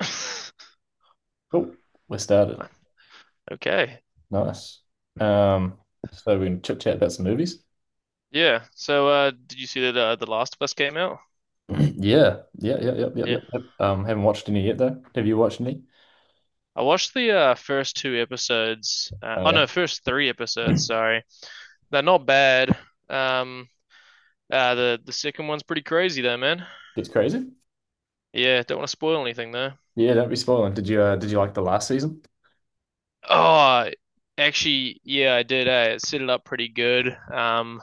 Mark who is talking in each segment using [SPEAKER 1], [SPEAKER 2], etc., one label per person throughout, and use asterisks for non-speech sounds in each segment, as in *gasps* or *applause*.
[SPEAKER 1] *laughs*
[SPEAKER 2] Cool. We're started.
[SPEAKER 1] Okay.
[SPEAKER 2] Nice. Um, so we can chit chat about some movies.
[SPEAKER 1] Yeah. So, did you see that The Last of Us came out?
[SPEAKER 2] *clears throat* Yeah, yeah, yeah, yeah, yeah,
[SPEAKER 1] Yeah.
[SPEAKER 2] yeah, yep. Haven't watched any yet though. Have you watched any?
[SPEAKER 1] I watched the first two episodes. Uh,
[SPEAKER 2] Oh
[SPEAKER 1] oh
[SPEAKER 2] yeah,
[SPEAKER 1] no, first three episodes. Sorry, they're not bad. Um, the second one's pretty crazy though, man.
[SPEAKER 2] gets crazy.
[SPEAKER 1] Yeah, don't want to spoil anything though.
[SPEAKER 2] Yeah, don't be spoiling. Did you like the last season?
[SPEAKER 1] Oh, actually, yeah, I did, eh? It set it up pretty good.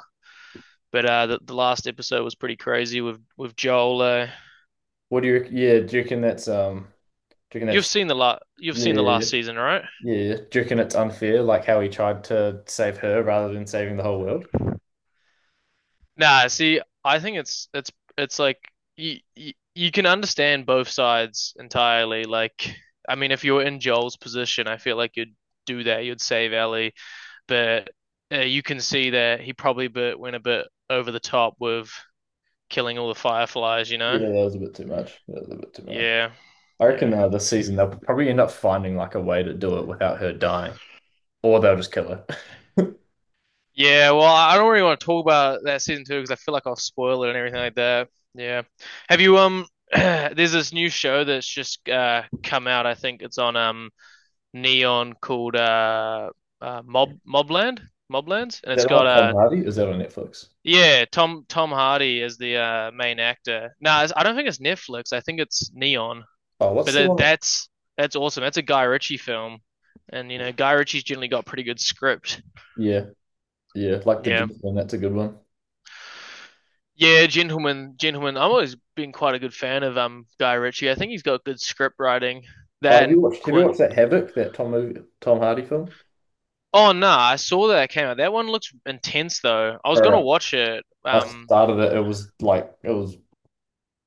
[SPEAKER 1] But the last episode was pretty crazy with Joel.
[SPEAKER 2] What do you? Rec- Yeah, do you reckon that's do you reckon that's
[SPEAKER 1] You've
[SPEAKER 2] yeah,
[SPEAKER 1] seen the
[SPEAKER 2] yeah,
[SPEAKER 1] last season, right?
[SPEAKER 2] yeah. Do you reckon it's unfair, like how he tried to save her rather than saving the whole world?
[SPEAKER 1] Nah, see, I think it's like you can understand both sides entirely. Like, I mean, if you're in Joel's position, I feel like you'd do that. You'd save Ellie, but you can see that he probably went a bit over the top with killing all the fireflies. You know?
[SPEAKER 2] Yeah, that was a bit too much. That was a bit too much.
[SPEAKER 1] Yeah,
[SPEAKER 2] I
[SPEAKER 1] yeah,
[SPEAKER 2] reckon this season they'll probably end up finding like a way to do it without her dying, or they'll just kill her. *laughs*
[SPEAKER 1] yeah. Well, I don't really want to talk about that season two because I feel like I'll spoil it and everything like that. Yeah. Have you? *clears throat* There's this new show that's just come out. I think it's on Neon called uh Mob Mobland Moblands, and it's
[SPEAKER 2] That
[SPEAKER 1] got a
[SPEAKER 2] old Tom Hardy, is that on Netflix?
[SPEAKER 1] yeah, Tom Hardy as the main actor. No, I don't think it's Netflix. I think it's Neon,
[SPEAKER 2] Oh, what's
[SPEAKER 1] but
[SPEAKER 2] the one?
[SPEAKER 1] that's awesome. That's a Guy Ritchie film, and you know Guy Ritchie's generally got pretty good script.
[SPEAKER 2] Yeah, yeah, like the
[SPEAKER 1] Yeah.
[SPEAKER 2] gentleman. That's a good one.
[SPEAKER 1] Yeah, gentlemen, gentlemen. I've always been quite a good fan of Guy Ritchie. I think he's got good script writing.
[SPEAKER 2] Oh, have
[SPEAKER 1] That and
[SPEAKER 2] you watched? Have you
[SPEAKER 1] Quint.
[SPEAKER 2] watched that Havoc? That Tom movie, Tom Hardy film?
[SPEAKER 1] Oh no, I saw that it came out. That one looks intense though. I was
[SPEAKER 2] All
[SPEAKER 1] gonna
[SPEAKER 2] right,
[SPEAKER 1] watch it.
[SPEAKER 2] I started it. It was like it was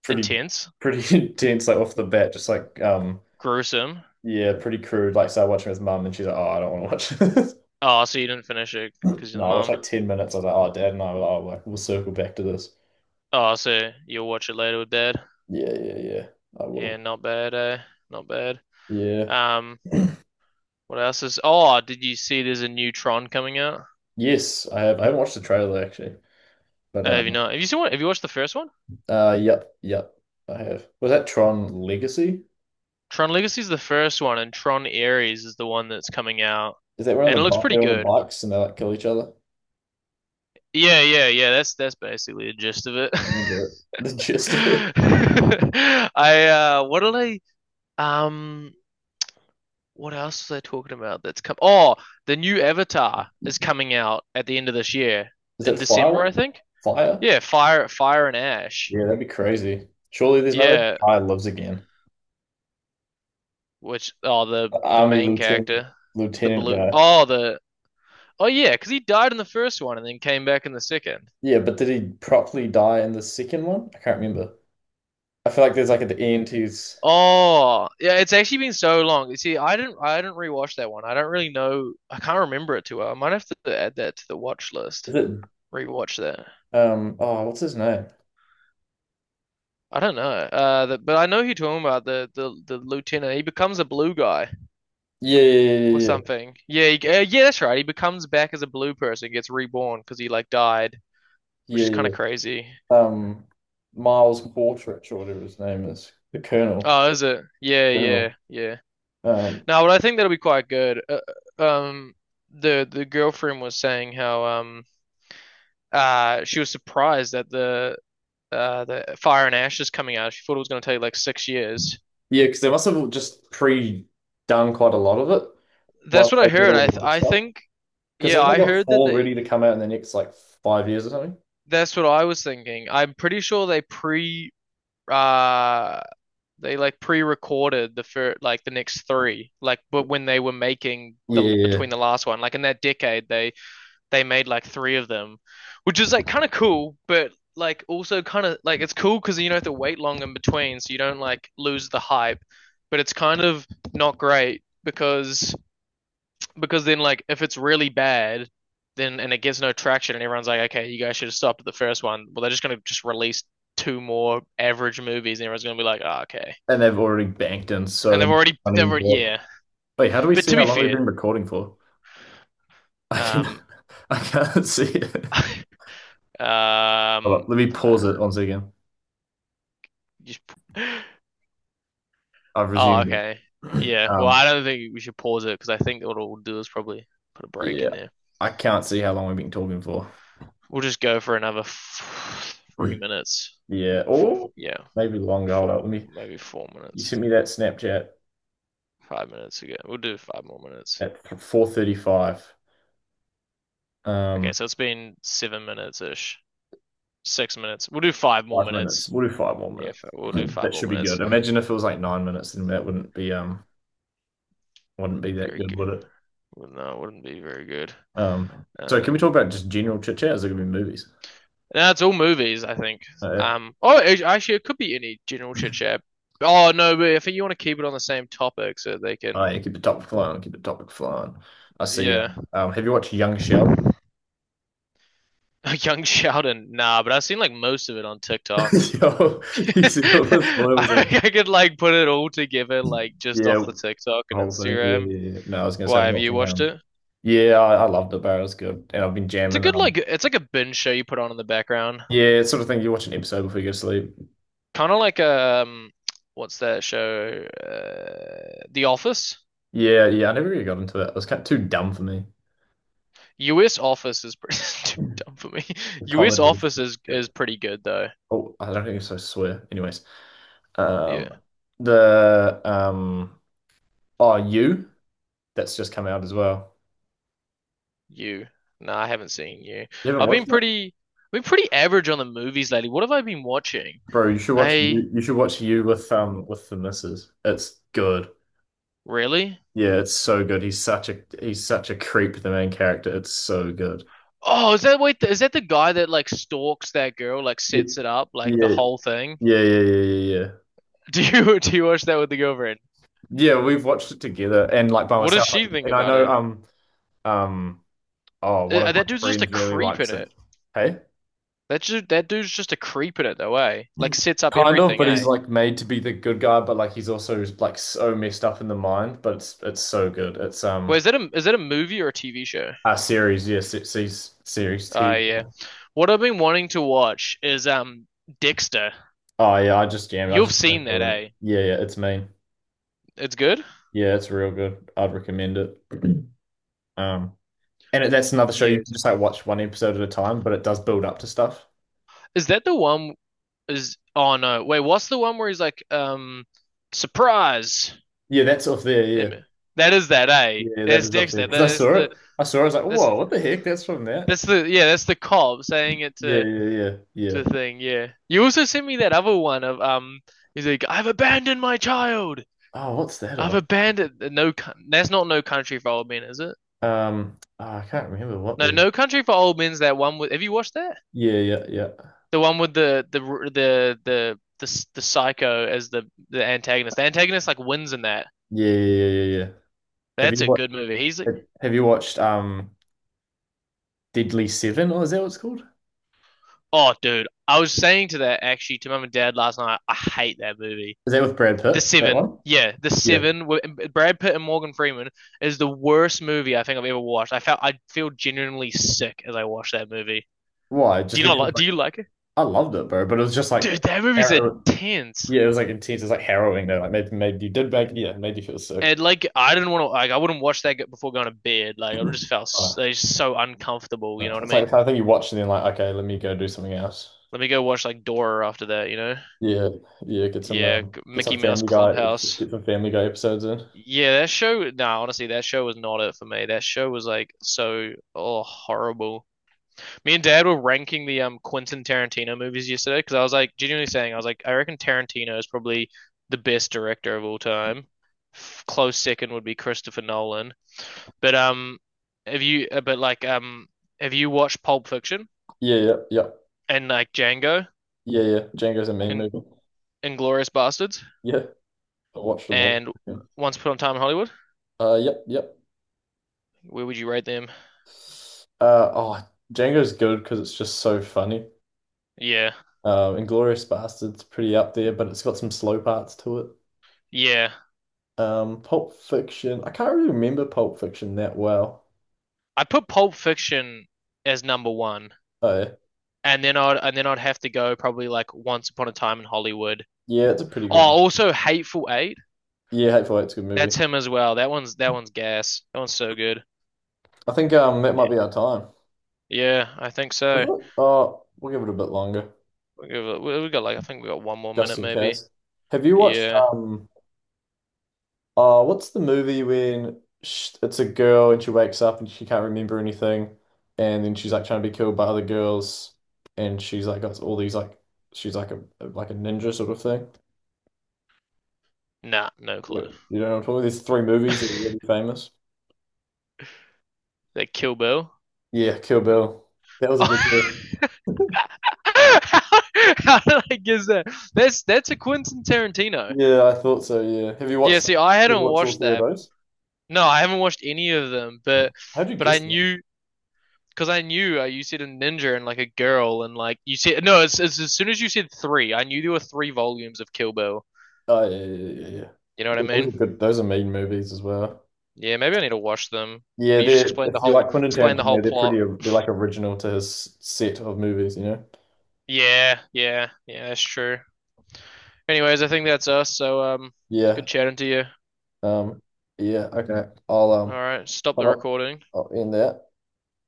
[SPEAKER 2] pretty
[SPEAKER 1] Intense,
[SPEAKER 2] pretty *laughs* intense, like off the bat. Just like
[SPEAKER 1] gruesome.
[SPEAKER 2] yeah, pretty crude. Like started watching with mum, and she's like, "Oh, I don't want to watch this." *laughs*
[SPEAKER 1] Oh, so you didn't finish it
[SPEAKER 2] No,
[SPEAKER 1] because you're the
[SPEAKER 2] I watched
[SPEAKER 1] mum.
[SPEAKER 2] like 10 minutes. I was like, "Oh, dad," and I were like, "Oh, like, we'll circle back to this."
[SPEAKER 1] Oh, so you'll watch it later with dad.
[SPEAKER 2] Yeah, yeah, yeah. I
[SPEAKER 1] Yeah,
[SPEAKER 2] will.
[SPEAKER 1] not bad, eh? Not bad.
[SPEAKER 2] Yeah.
[SPEAKER 1] Um, what else is? Oh, did you see? There's a new Tron coming out.
[SPEAKER 2] Yes, I have. I haven't watched the trailer actually. But
[SPEAKER 1] Have you not? Have you seen one? Have you watched the first one?
[SPEAKER 2] yep, I have. Was that Tron Legacy?
[SPEAKER 1] Tron Legacy is the first one, and Tron Ares is the one that's coming out,
[SPEAKER 2] Is that where on
[SPEAKER 1] and it looks pretty
[SPEAKER 2] they're on the
[SPEAKER 1] good.
[SPEAKER 2] bikes and they like kill each other?
[SPEAKER 1] Yeah, yeah, yeah. That's basically the gist of it.
[SPEAKER 2] I remember it. *laughs* The
[SPEAKER 1] *laughs*
[SPEAKER 2] gist of it.
[SPEAKER 1] I what did I What else are they talking about that's come? Oh, the new Avatar is coming out at the end of this year
[SPEAKER 2] Is
[SPEAKER 1] in
[SPEAKER 2] that fire?
[SPEAKER 1] December, I think.
[SPEAKER 2] Fire?
[SPEAKER 1] Yeah, Fire and Ash.
[SPEAKER 2] Yeah, that'd be crazy. Surely there's no way the
[SPEAKER 1] Yeah,
[SPEAKER 2] guy lives again.
[SPEAKER 1] which oh
[SPEAKER 2] The
[SPEAKER 1] the
[SPEAKER 2] Army
[SPEAKER 1] main
[SPEAKER 2] lieutenant,
[SPEAKER 1] character, the
[SPEAKER 2] lieutenant
[SPEAKER 1] blue.
[SPEAKER 2] guy.
[SPEAKER 1] Oh the oh yeah, because he died in the first one and then came back in the second.
[SPEAKER 2] Yeah, but did he properly die in the second one? I can't remember. I feel like there's like at the end he's
[SPEAKER 1] Oh yeah, it's actually been so long. You see, I didn't rewatch that one. I don't really know. I can't remember it too well. I might have to add that to the watch
[SPEAKER 2] is
[SPEAKER 1] list.
[SPEAKER 2] it
[SPEAKER 1] Rewatch that.
[SPEAKER 2] um oh, what's his name?
[SPEAKER 1] I don't know. But I know who you're talking about. The lieutenant. He becomes a blue guy
[SPEAKER 2] Yeah, yeah, yeah,
[SPEAKER 1] or
[SPEAKER 2] yeah, yeah, yeah,
[SPEAKER 1] something. Yeah, yeah, that's right. He becomes back as a blue person, gets reborn because he like died, which
[SPEAKER 2] yeah,
[SPEAKER 1] is kind
[SPEAKER 2] yeah.
[SPEAKER 1] of crazy.
[SPEAKER 2] um Miles Quartrich or whatever his name is, the Colonel.
[SPEAKER 1] Oh, is it? Yeah, yeah,
[SPEAKER 2] Colonel.
[SPEAKER 1] yeah.
[SPEAKER 2] Um,
[SPEAKER 1] No, but I think that'll be quite good. Uh, um, the girlfriend was saying how she was surprised that the Fire and Ash is coming out. She thought it was going to take like 6 years.
[SPEAKER 2] yeah, because they must have just pre-done quite a lot of it
[SPEAKER 1] That's
[SPEAKER 2] whilst
[SPEAKER 1] what I
[SPEAKER 2] they did
[SPEAKER 1] heard.
[SPEAKER 2] all
[SPEAKER 1] I
[SPEAKER 2] the
[SPEAKER 1] th
[SPEAKER 2] other
[SPEAKER 1] I
[SPEAKER 2] stuff.
[SPEAKER 1] think
[SPEAKER 2] Because
[SPEAKER 1] yeah,
[SPEAKER 2] haven't they
[SPEAKER 1] I
[SPEAKER 2] got
[SPEAKER 1] heard that
[SPEAKER 2] four ready
[SPEAKER 1] they
[SPEAKER 2] to come out in the next like 5 years or something?
[SPEAKER 1] that's what I was thinking. I'm pretty sure uh they like pre-recorded the next three, like, but when they were making the
[SPEAKER 2] Yeah, yeah.
[SPEAKER 1] between the last one like in that decade, they made like three of them, which is like kind of cool, but like also kind of like it's cool because you don't have to wait long in between so you don't like lose the hype, but it's kind of not great, because then, like, if it's really bad, then and it gets no traction, and everyone's like, okay, you guys should have stopped at the first one. Well, they're just gonna just release two more average movies, and everyone's gonna be like, oh, okay.
[SPEAKER 2] And they've already banked in
[SPEAKER 1] And
[SPEAKER 2] so
[SPEAKER 1] they've
[SPEAKER 2] much
[SPEAKER 1] already,
[SPEAKER 2] money
[SPEAKER 1] they've
[SPEAKER 2] into
[SPEAKER 1] already,
[SPEAKER 2] it.
[SPEAKER 1] yeah.
[SPEAKER 2] Wait, how do we
[SPEAKER 1] But
[SPEAKER 2] see
[SPEAKER 1] to
[SPEAKER 2] how
[SPEAKER 1] be
[SPEAKER 2] long we've
[SPEAKER 1] fair,
[SPEAKER 2] been recording for? I can,
[SPEAKER 1] um,
[SPEAKER 2] *laughs* I can't see it.
[SPEAKER 1] *laughs*
[SPEAKER 2] Hold
[SPEAKER 1] um,
[SPEAKER 2] on, let me
[SPEAKER 1] *sighs*
[SPEAKER 2] pause
[SPEAKER 1] uh,
[SPEAKER 2] it once again.
[SPEAKER 1] just, *gasps*
[SPEAKER 2] I've
[SPEAKER 1] oh,
[SPEAKER 2] resumed it.
[SPEAKER 1] okay,
[SPEAKER 2] *clears throat*
[SPEAKER 1] yeah. Well,
[SPEAKER 2] Um,
[SPEAKER 1] I don't think we should pause it because I think what we'll do is probably put a break
[SPEAKER 2] yeah,
[SPEAKER 1] in there.
[SPEAKER 2] I can't see how long we've been talking for.
[SPEAKER 1] We'll just go for another f three
[SPEAKER 2] *clears throat*
[SPEAKER 1] minutes,
[SPEAKER 2] Yeah,
[SPEAKER 1] four,
[SPEAKER 2] or
[SPEAKER 1] yeah,
[SPEAKER 2] maybe long gold.
[SPEAKER 1] four,
[SPEAKER 2] Let me.
[SPEAKER 1] maybe four
[SPEAKER 2] You
[SPEAKER 1] minutes.
[SPEAKER 2] sent me that Snapchat
[SPEAKER 1] 5 minutes again. We'll do five more minutes.
[SPEAKER 2] at 4:35.
[SPEAKER 1] Okay,
[SPEAKER 2] Um,
[SPEAKER 1] so it's been 7 minutes ish. 6 minutes. We'll do five more
[SPEAKER 2] 5 minutes.
[SPEAKER 1] minutes.
[SPEAKER 2] We'll do five more
[SPEAKER 1] Yeah,
[SPEAKER 2] minutes.
[SPEAKER 1] we'll do
[SPEAKER 2] *clears throat*
[SPEAKER 1] five
[SPEAKER 2] That
[SPEAKER 1] more
[SPEAKER 2] should be
[SPEAKER 1] minutes.
[SPEAKER 2] good. Imagine if it was like 9 minutes, then that wouldn't be that
[SPEAKER 1] Very
[SPEAKER 2] good,
[SPEAKER 1] good.
[SPEAKER 2] would it?
[SPEAKER 1] Well, no, it wouldn't be very good.
[SPEAKER 2] So
[SPEAKER 1] Um,
[SPEAKER 2] can we talk about just general chit chat? Is it gonna be movies?
[SPEAKER 1] no, it's all movies, I think.
[SPEAKER 2] Uh,
[SPEAKER 1] Oh, actually, it could be any general chit chat. Oh no, but I think you want to keep it on the same topic so they
[SPEAKER 2] oh
[SPEAKER 1] can,
[SPEAKER 2] yeah, keep the topic flowing. Keep the topic flowing. I see.
[SPEAKER 1] yeah.
[SPEAKER 2] Have you watched Young
[SPEAKER 1] *laughs*
[SPEAKER 2] Sheldon?
[SPEAKER 1] Young Sheldon, nah, but I've seen like most of it on TikTok.
[SPEAKER 2] *laughs* Yo,
[SPEAKER 1] *laughs*
[SPEAKER 2] you see all those
[SPEAKER 1] I,
[SPEAKER 2] spoilers on,
[SPEAKER 1] I could like put it all together like just off
[SPEAKER 2] yeah,
[SPEAKER 1] the TikTok and
[SPEAKER 2] whole thing. Yeah,
[SPEAKER 1] Instagram.
[SPEAKER 2] yeah, yeah. No, I was gonna say
[SPEAKER 1] Why
[SPEAKER 2] I'm
[SPEAKER 1] have you
[SPEAKER 2] watching.
[SPEAKER 1] watched it?
[SPEAKER 2] Yeah, I loved it, bro. It was good, and I've been
[SPEAKER 1] It's a
[SPEAKER 2] jamming.
[SPEAKER 1] good like it's like a binge show you put on in the background.
[SPEAKER 2] Yeah, it's sort of thing. You watch an episode before you go to sleep.
[SPEAKER 1] Kind of like what's that show? The Office.
[SPEAKER 2] Yeah, yeah. I never really got into it. It was kind of too dumb for me.
[SPEAKER 1] US Office is pretty *laughs* too dumb
[SPEAKER 2] The
[SPEAKER 1] for me. *laughs* US
[SPEAKER 2] comedy.
[SPEAKER 1] Office is
[SPEAKER 2] Yeah.
[SPEAKER 1] is pretty good though.
[SPEAKER 2] Oh, I don't think it's so swear. Anyways, um,
[SPEAKER 1] Yeah.
[SPEAKER 2] the oh, you, that's just come out as well.
[SPEAKER 1] You. No, I haven't seen you.
[SPEAKER 2] You haven't
[SPEAKER 1] I've been
[SPEAKER 2] watched it,
[SPEAKER 1] pretty I've been pretty average on the movies lately. What have I been watching?
[SPEAKER 2] bro. You should watch
[SPEAKER 1] I
[SPEAKER 2] you. You should watch you with the missus. It's good.
[SPEAKER 1] really?
[SPEAKER 2] Yeah, it's so good. He's such a creep, the main character. It's so good.
[SPEAKER 1] Oh, is that the guy that like stalks that girl, like
[SPEAKER 2] Yeah,
[SPEAKER 1] sets it up, like
[SPEAKER 2] yeah,
[SPEAKER 1] the whole thing?
[SPEAKER 2] yeah, yeah, yeah, yeah. Yeah,
[SPEAKER 1] *laughs* Do you watch that with the girlfriend?
[SPEAKER 2] yeah, we've watched it together and like by
[SPEAKER 1] What does
[SPEAKER 2] myself.
[SPEAKER 1] she
[SPEAKER 2] Like,
[SPEAKER 1] think
[SPEAKER 2] and I
[SPEAKER 1] about
[SPEAKER 2] know
[SPEAKER 1] it?
[SPEAKER 2] um oh, one of
[SPEAKER 1] That
[SPEAKER 2] my
[SPEAKER 1] dude's just a
[SPEAKER 2] friends really
[SPEAKER 1] creep in
[SPEAKER 2] likes it.
[SPEAKER 1] it.
[SPEAKER 2] Hey?
[SPEAKER 1] That dude's just a creep in it though, eh? Like sets up
[SPEAKER 2] Kind of,
[SPEAKER 1] everything,
[SPEAKER 2] but he's
[SPEAKER 1] eh?
[SPEAKER 2] like made to be the good guy, but like he's also like so messed up in the mind, but it's so good. It's
[SPEAKER 1] Wait, is that a movie or a TV show?
[SPEAKER 2] A series, yes, it's series series
[SPEAKER 1] Ah,
[SPEAKER 2] TV.
[SPEAKER 1] yeah. What I've been wanting to watch is Dexter.
[SPEAKER 2] Oh yeah, I just jammed. I
[SPEAKER 1] You've
[SPEAKER 2] just finished
[SPEAKER 1] seen that,
[SPEAKER 2] all that.
[SPEAKER 1] eh?
[SPEAKER 2] Yeah, yeah, it's mean.
[SPEAKER 1] It's good?
[SPEAKER 2] Yeah, it's real good. I'd recommend it. *clears throat* Um, and it, that's another show you can
[SPEAKER 1] Yes.
[SPEAKER 2] just like watch one episode at a time, but it does build up to stuff.
[SPEAKER 1] Is that the one? Is oh no. Wait, what's the one where he's like surprise?
[SPEAKER 2] Yeah, that's off there. Yeah,
[SPEAKER 1] Em- That is that, eh?
[SPEAKER 2] yeah, that
[SPEAKER 1] That's
[SPEAKER 2] is off there
[SPEAKER 1] Dexter.
[SPEAKER 2] because I saw it. I saw it. I was like,
[SPEAKER 1] That's
[SPEAKER 2] whoa, what the heck? That's from that.
[SPEAKER 1] that's the, yeah, that's the cop saying it
[SPEAKER 2] Yeah,
[SPEAKER 1] to
[SPEAKER 2] yeah, yeah,
[SPEAKER 1] the
[SPEAKER 2] yeah.
[SPEAKER 1] thing, yeah. You also sent me that other one of he's like, I've abandoned my child.
[SPEAKER 2] Oh, what's that
[SPEAKER 1] I've
[SPEAKER 2] of?
[SPEAKER 1] abandoned no. Coun- That's not No Country for Old Men, is it?
[SPEAKER 2] Oh, I can't remember what
[SPEAKER 1] No,
[SPEAKER 2] movie.
[SPEAKER 1] No Country for Old Men's that one with. Have you watched that?
[SPEAKER 2] Yeah, yeah, yeah,
[SPEAKER 1] The one with the psycho as the antagonist. The antagonist like wins in that.
[SPEAKER 2] yeah, yeah, yeah, yeah, yeah. Have
[SPEAKER 1] That's
[SPEAKER 2] you
[SPEAKER 1] a
[SPEAKER 2] watched?
[SPEAKER 1] good movie. He's like,
[SPEAKER 2] Have you watched Deadly Seven, or is that what it's called?
[SPEAKER 1] oh, dude. I was saying to that actually to mum and dad last night. I hate that movie.
[SPEAKER 2] Is that with Brad Pitt?
[SPEAKER 1] The
[SPEAKER 2] That
[SPEAKER 1] Seven.
[SPEAKER 2] one?
[SPEAKER 1] Yeah, The
[SPEAKER 2] Yeah.
[SPEAKER 1] Seven. Brad Pitt and Morgan Freeman is the worst movie I think I've ever watched. I feel genuinely sick as I watched that movie.
[SPEAKER 2] Why?
[SPEAKER 1] Do
[SPEAKER 2] Just
[SPEAKER 1] you not
[SPEAKER 2] because
[SPEAKER 1] like? Do
[SPEAKER 2] like
[SPEAKER 1] you like it?
[SPEAKER 2] I loved it, bro. But it was just
[SPEAKER 1] Dude,
[SPEAKER 2] like.
[SPEAKER 1] that movie's
[SPEAKER 2] Aaron-
[SPEAKER 1] intense.
[SPEAKER 2] yeah, it was like intense. It's like harrowing though. Like made made you did make yeah, made you feel sick.
[SPEAKER 1] And like, I didn't want to. Like, I wouldn't watch that before going to bed. Like, I just felt
[SPEAKER 2] Oh,
[SPEAKER 1] like, just so uncomfortable. You
[SPEAKER 2] no.
[SPEAKER 1] know what I
[SPEAKER 2] It's like the
[SPEAKER 1] mean?
[SPEAKER 2] kind of thing you watch and then like, okay, let me go do something else.
[SPEAKER 1] Let me go watch like Dora after that. You know?
[SPEAKER 2] Yeah, yeah,
[SPEAKER 1] Yeah,
[SPEAKER 2] get
[SPEAKER 1] Mickey
[SPEAKER 2] some
[SPEAKER 1] Mouse
[SPEAKER 2] Family Guy,
[SPEAKER 1] Clubhouse.
[SPEAKER 2] get some Family Guy episodes in.
[SPEAKER 1] Yeah, that show. Nah, honestly, that show was not it for me. That show was like so, oh, horrible. Me and Dad were ranking the Quentin Tarantino movies yesterday because I was like genuinely saying I was like I reckon Tarantino is probably the best director of all time. Close second would be Christopher Nolan. But have you? But like have you watched Pulp Fiction
[SPEAKER 2] Yeah, yeah, yeah,
[SPEAKER 1] and like Django
[SPEAKER 2] yeah, yeah. Django's a mean
[SPEAKER 1] and
[SPEAKER 2] movie.
[SPEAKER 1] Inglorious Bastards
[SPEAKER 2] Yeah, I watched them all.
[SPEAKER 1] and
[SPEAKER 2] Yeah.
[SPEAKER 1] Once Upon a Time in Hollywood?
[SPEAKER 2] Yep, yep.
[SPEAKER 1] Where would you rate them?
[SPEAKER 2] Oh, Django's good because it's just so funny.
[SPEAKER 1] Yeah,
[SPEAKER 2] Inglourious Basterds pretty up there, but it's got some slow parts to it.
[SPEAKER 1] yeah.
[SPEAKER 2] Pulp Fiction. I can't really remember Pulp Fiction that well.
[SPEAKER 1] I put Pulp Fiction as #1,
[SPEAKER 2] Oh,
[SPEAKER 1] and then I'd have to go probably like Once Upon a Time in Hollywood.
[SPEAKER 2] yeah, it's a pretty
[SPEAKER 1] Oh,
[SPEAKER 2] good one.
[SPEAKER 1] also Hateful Eight.
[SPEAKER 2] Yeah, Hateful Eight's a good
[SPEAKER 1] That's
[SPEAKER 2] movie.
[SPEAKER 1] him as well. That one's gas. That one's so good.
[SPEAKER 2] I think that
[SPEAKER 1] Yeah.
[SPEAKER 2] might be our time.
[SPEAKER 1] Yeah, I think
[SPEAKER 2] Is
[SPEAKER 1] so.
[SPEAKER 2] it? Oh, we'll give it a bit longer,
[SPEAKER 1] We got like I think we got one more
[SPEAKER 2] just
[SPEAKER 1] minute
[SPEAKER 2] in
[SPEAKER 1] maybe.
[SPEAKER 2] case. Have you watched
[SPEAKER 1] Yeah.
[SPEAKER 2] oh, what's the movie when sh it's a girl and she wakes up and she can't remember anything, and then she's like trying to be killed by other girls, and she's like got all these like she's like a ninja sort of thing.
[SPEAKER 1] Nah, no
[SPEAKER 2] Wait,
[SPEAKER 1] clue.
[SPEAKER 2] you don't know what I'm talking about? There's three movies that are really
[SPEAKER 1] *laughs*
[SPEAKER 2] famous.
[SPEAKER 1] That Kill Bill.
[SPEAKER 2] Yeah, Kill Bill. That was a good one.
[SPEAKER 1] Oh. *laughs* How, how did I guess that? That's a Quentin Tarantino.
[SPEAKER 2] Yeah, I thought so. Yeah. Have you
[SPEAKER 1] Yeah,
[SPEAKER 2] watched them?
[SPEAKER 1] see,
[SPEAKER 2] Have
[SPEAKER 1] I hadn't
[SPEAKER 2] you watched all
[SPEAKER 1] watched
[SPEAKER 2] three of
[SPEAKER 1] that.
[SPEAKER 2] those?
[SPEAKER 1] No, I haven't watched any of them,
[SPEAKER 2] Yeah.
[SPEAKER 1] but
[SPEAKER 2] How'd you
[SPEAKER 1] I
[SPEAKER 2] guess that?
[SPEAKER 1] knew because I knew, you said a ninja and like a girl and like you said no. It's as soon as you said three, I knew there were three volumes of Kill Bill.
[SPEAKER 2] Oh, yeah, yeah, yeah, yeah, yeah.
[SPEAKER 1] You know what I
[SPEAKER 2] Yeah, those are
[SPEAKER 1] mean?
[SPEAKER 2] good. Those are mean movies as well.
[SPEAKER 1] Yeah, maybe I need to watch them.
[SPEAKER 2] Yeah,
[SPEAKER 1] But you just
[SPEAKER 2] they're if you like Quentin
[SPEAKER 1] explained the whole
[SPEAKER 2] Tarantino, they're pretty
[SPEAKER 1] plot.
[SPEAKER 2] they're like original to his set of movies, you know?
[SPEAKER 1] Yeah, yeah, yeah. That's true. Anyways, I think that's us. So it's good
[SPEAKER 2] Yeah.
[SPEAKER 1] chatting to you.
[SPEAKER 2] Um, yeah, okay. I'll
[SPEAKER 1] All right, stop
[SPEAKER 2] put
[SPEAKER 1] the
[SPEAKER 2] up,
[SPEAKER 1] recording.
[SPEAKER 2] I'll end that.